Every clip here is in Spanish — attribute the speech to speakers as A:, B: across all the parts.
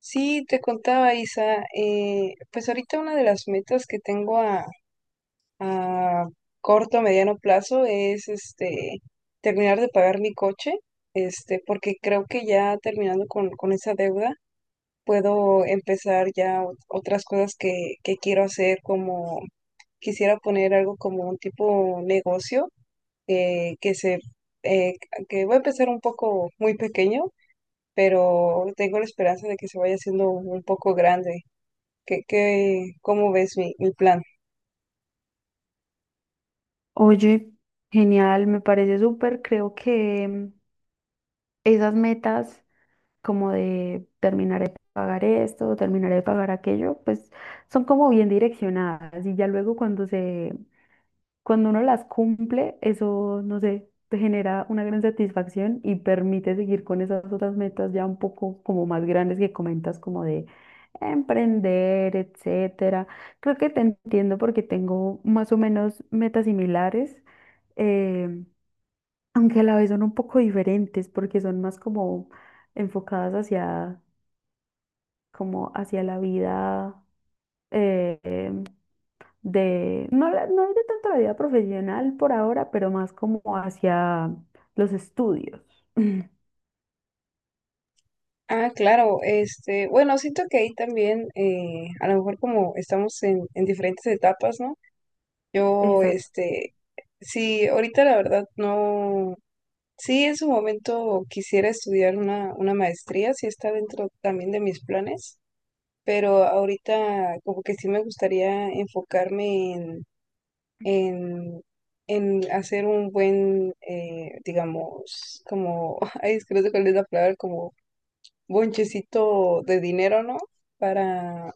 A: Sí, te contaba Isa, pues ahorita una de las metas que tengo a corto o mediano plazo es terminar de pagar mi coche, porque creo que ya terminando con esa deuda puedo empezar ya otras cosas que quiero hacer, como quisiera poner algo como un tipo negocio, eh, que se eh, que voy a empezar un poco muy pequeño, pero tengo la esperanza de que se vaya haciendo un poco grande. ¿Qué, cómo ves mi plan?
B: Oye, genial, me parece súper. Creo que esas metas como de terminar de pagar esto, terminar de pagar aquello, pues son como bien direccionadas y ya luego cuando uno las cumple, eso, no sé, te genera una gran satisfacción y permite seguir con esas otras metas ya un poco como más grandes que comentas como de emprender, etcétera. Creo que te entiendo porque tengo más o menos metas similares. em, Aunque a la vez son un poco diferentes porque son más como enfocadas como hacia la vida em, de, no, la- no de tanto la vida profesional por ahora, pero más como hacia los estudios.
A: Ah, claro, este, bueno, siento que ahí también, a lo mejor como estamos en diferentes etapas, ¿no? Yo,
B: Exacto.
A: este, sí, ahorita la verdad no, sí en su momento quisiera estudiar una maestría, sí está dentro también de mis planes, pero ahorita como que sí me gustaría enfocarme en, en hacer un buen, digamos, como, ay, es que no sé cuál es la palabra, como bonchecito de dinero, ¿no? Para,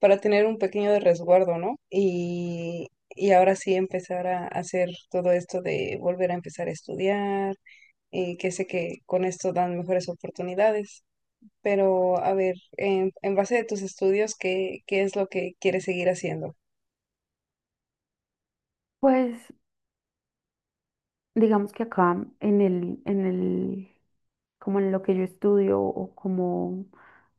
A: para tener un pequeño de resguardo, ¿no? Y ahora sí empezar a hacer todo esto de volver a empezar a estudiar, que sé que con esto dan mejores oportunidades. Pero, a ver, en base de tus estudios, ¿qué, qué es lo que quieres seguir haciendo?
B: Pues digamos que acá en el como en lo que yo estudio o como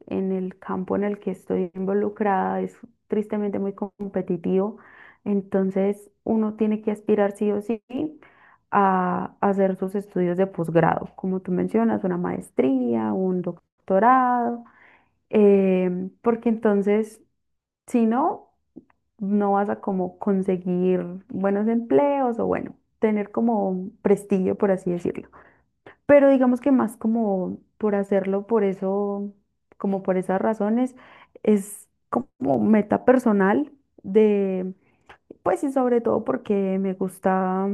B: en el campo en el que estoy involucrada, es tristemente muy competitivo. Entonces, uno tiene que aspirar sí o sí a hacer sus estudios de posgrado, como tú mencionas, una maestría, un doctorado, porque entonces, si no, no vas a como conseguir buenos empleos o bueno, tener como prestigio, por así decirlo. Pero digamos que más como por hacerlo, por eso, como por esas razones, es como meta personal de, pues y sobre todo porque me gusta,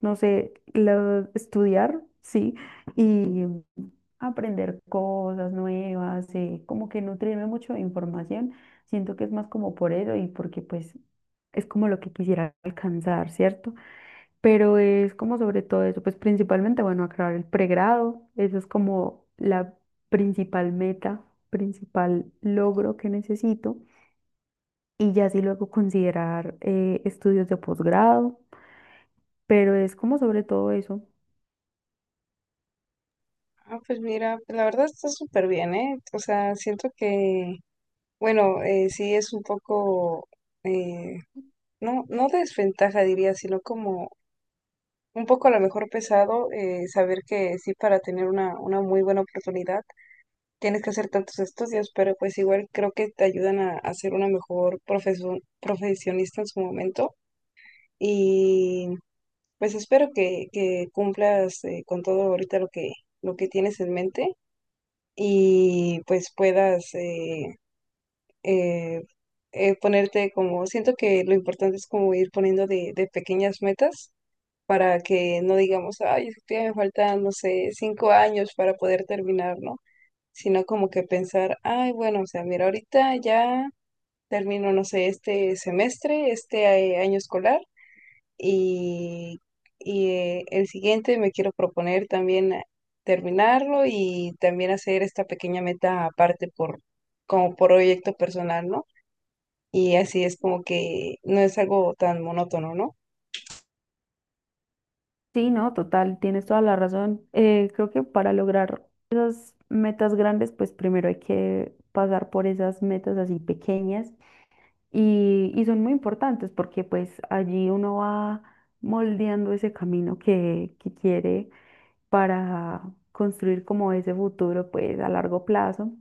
B: no sé, estudiar, sí, y aprender cosas nuevas, como que nutrirme mucho de información. Siento que es más como por eso y porque pues es como lo que quisiera alcanzar, ¿cierto? Pero es como sobre todo eso, pues principalmente, bueno, acabar el pregrado, eso es como la principal meta, principal logro que necesito, y ya sí luego considerar estudios de posgrado, pero es como sobre todo eso.
A: Ah, pues mira, la verdad está súper bien, ¿eh? O sea, siento que, bueno, sí es un poco, eh, no, no desventaja diría, sino como un poco a lo mejor pesado saber que sí, para tener una muy buena oportunidad tienes que hacer tantos estudios, pero pues igual creo que te ayudan a ser una mejor profesionista en su momento y pues espero que cumplas con todo ahorita lo que tienes en mente y pues puedas eh, ponerte como, siento que lo importante es como ir poniendo de pequeñas metas para que no digamos, ay, es que todavía me faltan, no sé, 5 años para poder terminar, ¿no? Sino como que pensar, ay, bueno, o sea, mira, ahorita ya termino, no sé, este semestre, este año escolar y, y el siguiente me quiero proponer también terminarlo y también hacer esta pequeña meta aparte por, como proyecto personal, ¿no? Y así es como que no es algo tan monótono, ¿no?
B: Sí, no, total, tienes toda la razón. Creo que para lograr esas metas grandes, pues primero hay que pasar por esas metas así pequeñas. Y son muy importantes porque pues allí uno va moldeando ese camino que quiere para construir como ese futuro pues a largo plazo.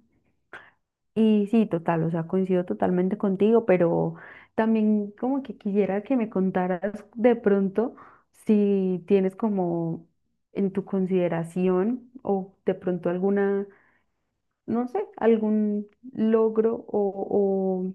B: Y sí, total, o sea, coincido totalmente contigo, pero también como que quisiera que me contaras de pronto si tienes como en tu consideración o de pronto alguna, no sé, algún logro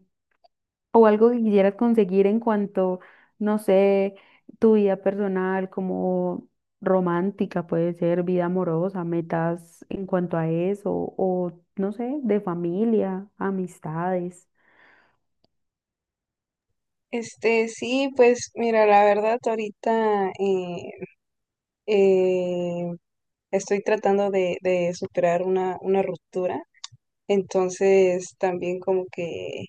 B: o algo que quisieras conseguir en cuanto, no sé, tu vida personal, como romántica puede ser, vida amorosa, metas en cuanto a eso, o no sé, de familia, amistades.
A: Este, sí, pues mira, la verdad ahorita eh, estoy tratando de superar una ruptura, entonces también como que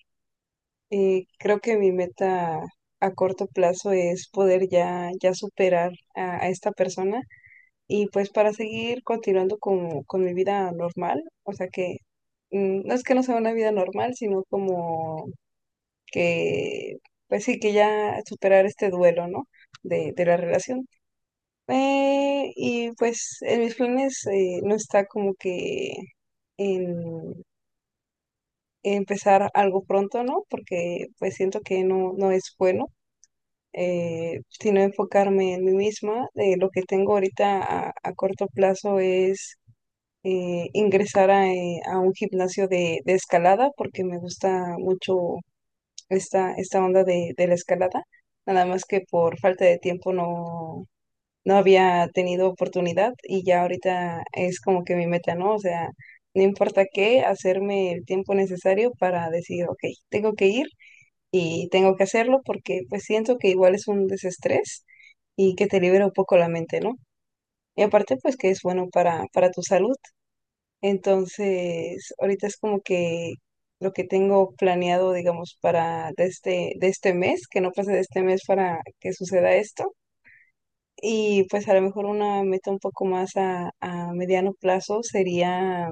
A: creo que mi meta a corto plazo es poder ya, ya superar a esta persona y pues para seguir continuando con mi vida normal, o sea que mm, no es que no sea una vida normal, sino como que, pues sí, que ya superar este duelo, ¿no? De la relación. Y pues en mis planes no está como que en empezar algo pronto, ¿no? Porque pues siento que no, no es bueno, sino enfocarme en mí misma. Lo que tengo ahorita a corto plazo es ingresar a un gimnasio de escalada porque me gusta mucho esta onda de la escalada, nada más que por falta de tiempo no, no había tenido oportunidad y ya ahorita es como que mi meta, ¿no? O sea, no importa qué, hacerme el tiempo necesario para decir, ok, tengo que ir y tengo que hacerlo porque pues siento que igual es un desestrés y que te libera un poco la mente, ¿no? Y aparte pues que es bueno para tu salud. Entonces, ahorita es como que lo que tengo planeado, digamos, para de este mes, que no pase de este mes para que suceda esto. Y pues a lo mejor una meta un poco más a mediano plazo sería,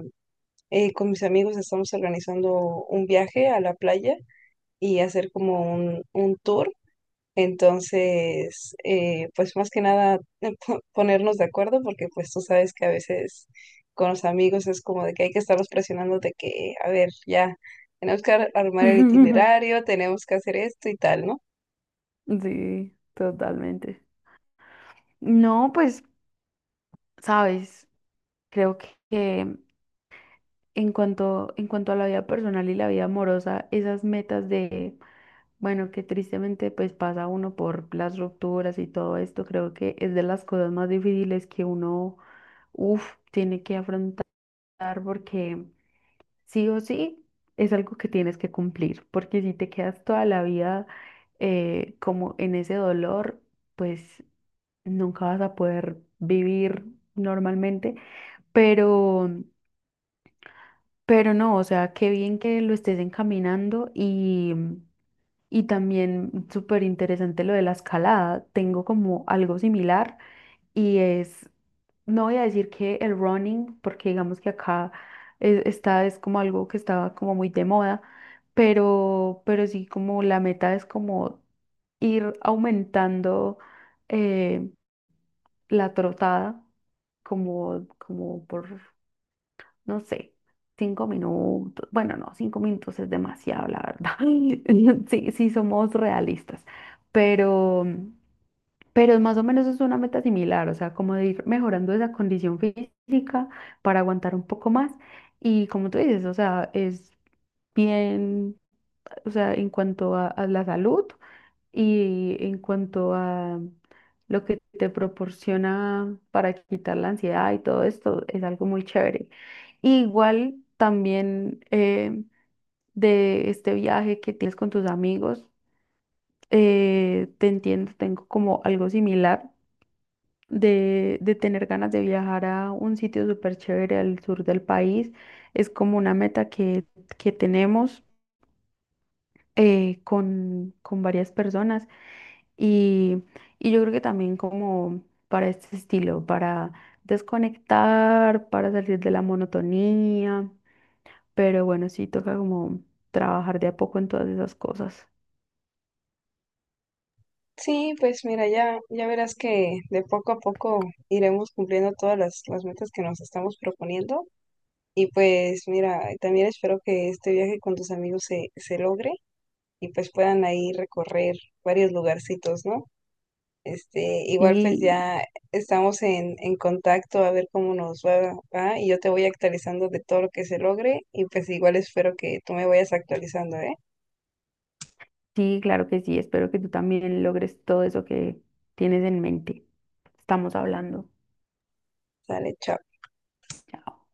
A: con mis amigos estamos organizando un viaje a la playa y hacer como un tour entonces, pues más que nada ponernos de acuerdo porque pues tú sabes que a veces con los amigos es como de que hay que estarlos presionando de que, a ver, ya, tenemos que armar el itinerario, tenemos que hacer esto y tal, ¿no?
B: Sí, totalmente. No, pues, sabes, creo que en cuanto a la vida personal y la vida amorosa, esas metas de, bueno, que tristemente pues pasa uno por las rupturas y todo esto, creo que es de las cosas más difíciles que uno, uff, tiene que afrontar porque sí o sí es algo que tienes que cumplir, porque si te quedas toda la vida como en ese dolor, pues nunca vas a poder vivir normalmente, pero, pero no, o sea, qué bien que lo estés encaminando y... Y también súper interesante lo de la escalada. Tengo como algo similar y es, no voy a decir que el running, porque digamos que acá está, es como algo que estaba como muy de moda, pero sí como la meta es como ir aumentando eh, la trotada como por no sé, 5 minutos. Bueno, no, 5 minutos es demasiado, la verdad. Sí, sí, somos realistas. Pero, pero más o menos es una meta similar, o sea, como de ir mejorando esa condición física para aguantar un poco más. Y como tú dices, o sea, es bien, o sea, en cuanto a la salud. Y en cuanto a lo que te proporciona para quitar la ansiedad y todo esto, es algo muy chévere. Igual también de este viaje que tienes con tus amigos, te entiendo, tengo como algo similar de tener ganas de viajar a un sitio súper chévere al sur del país. Es como una meta que tenemos con varias personas. Y, y yo creo que también como para este estilo, para desconectar, para salir de la monotonía, pero bueno, sí toca como trabajar de a poco en todas esas cosas.
A: Sí, pues mira, ya, ya verás que de poco a poco iremos cumpliendo todas las metas que nos estamos proponiendo. Y pues mira, también espero que este viaje con tus amigos se, se logre y pues puedan ahí recorrer varios lugarcitos, ¿no? Este, igual pues
B: Sí,
A: ya estamos en contacto a ver cómo nos va, va, y yo te voy actualizando de todo lo que se logre y pues igual espero que tú me vayas actualizando, ¿eh?
B: sí, claro que sí, espero que tú también logres todo eso que tienes en mente. Estamos hablando.
A: Sale, chao.
B: Chao.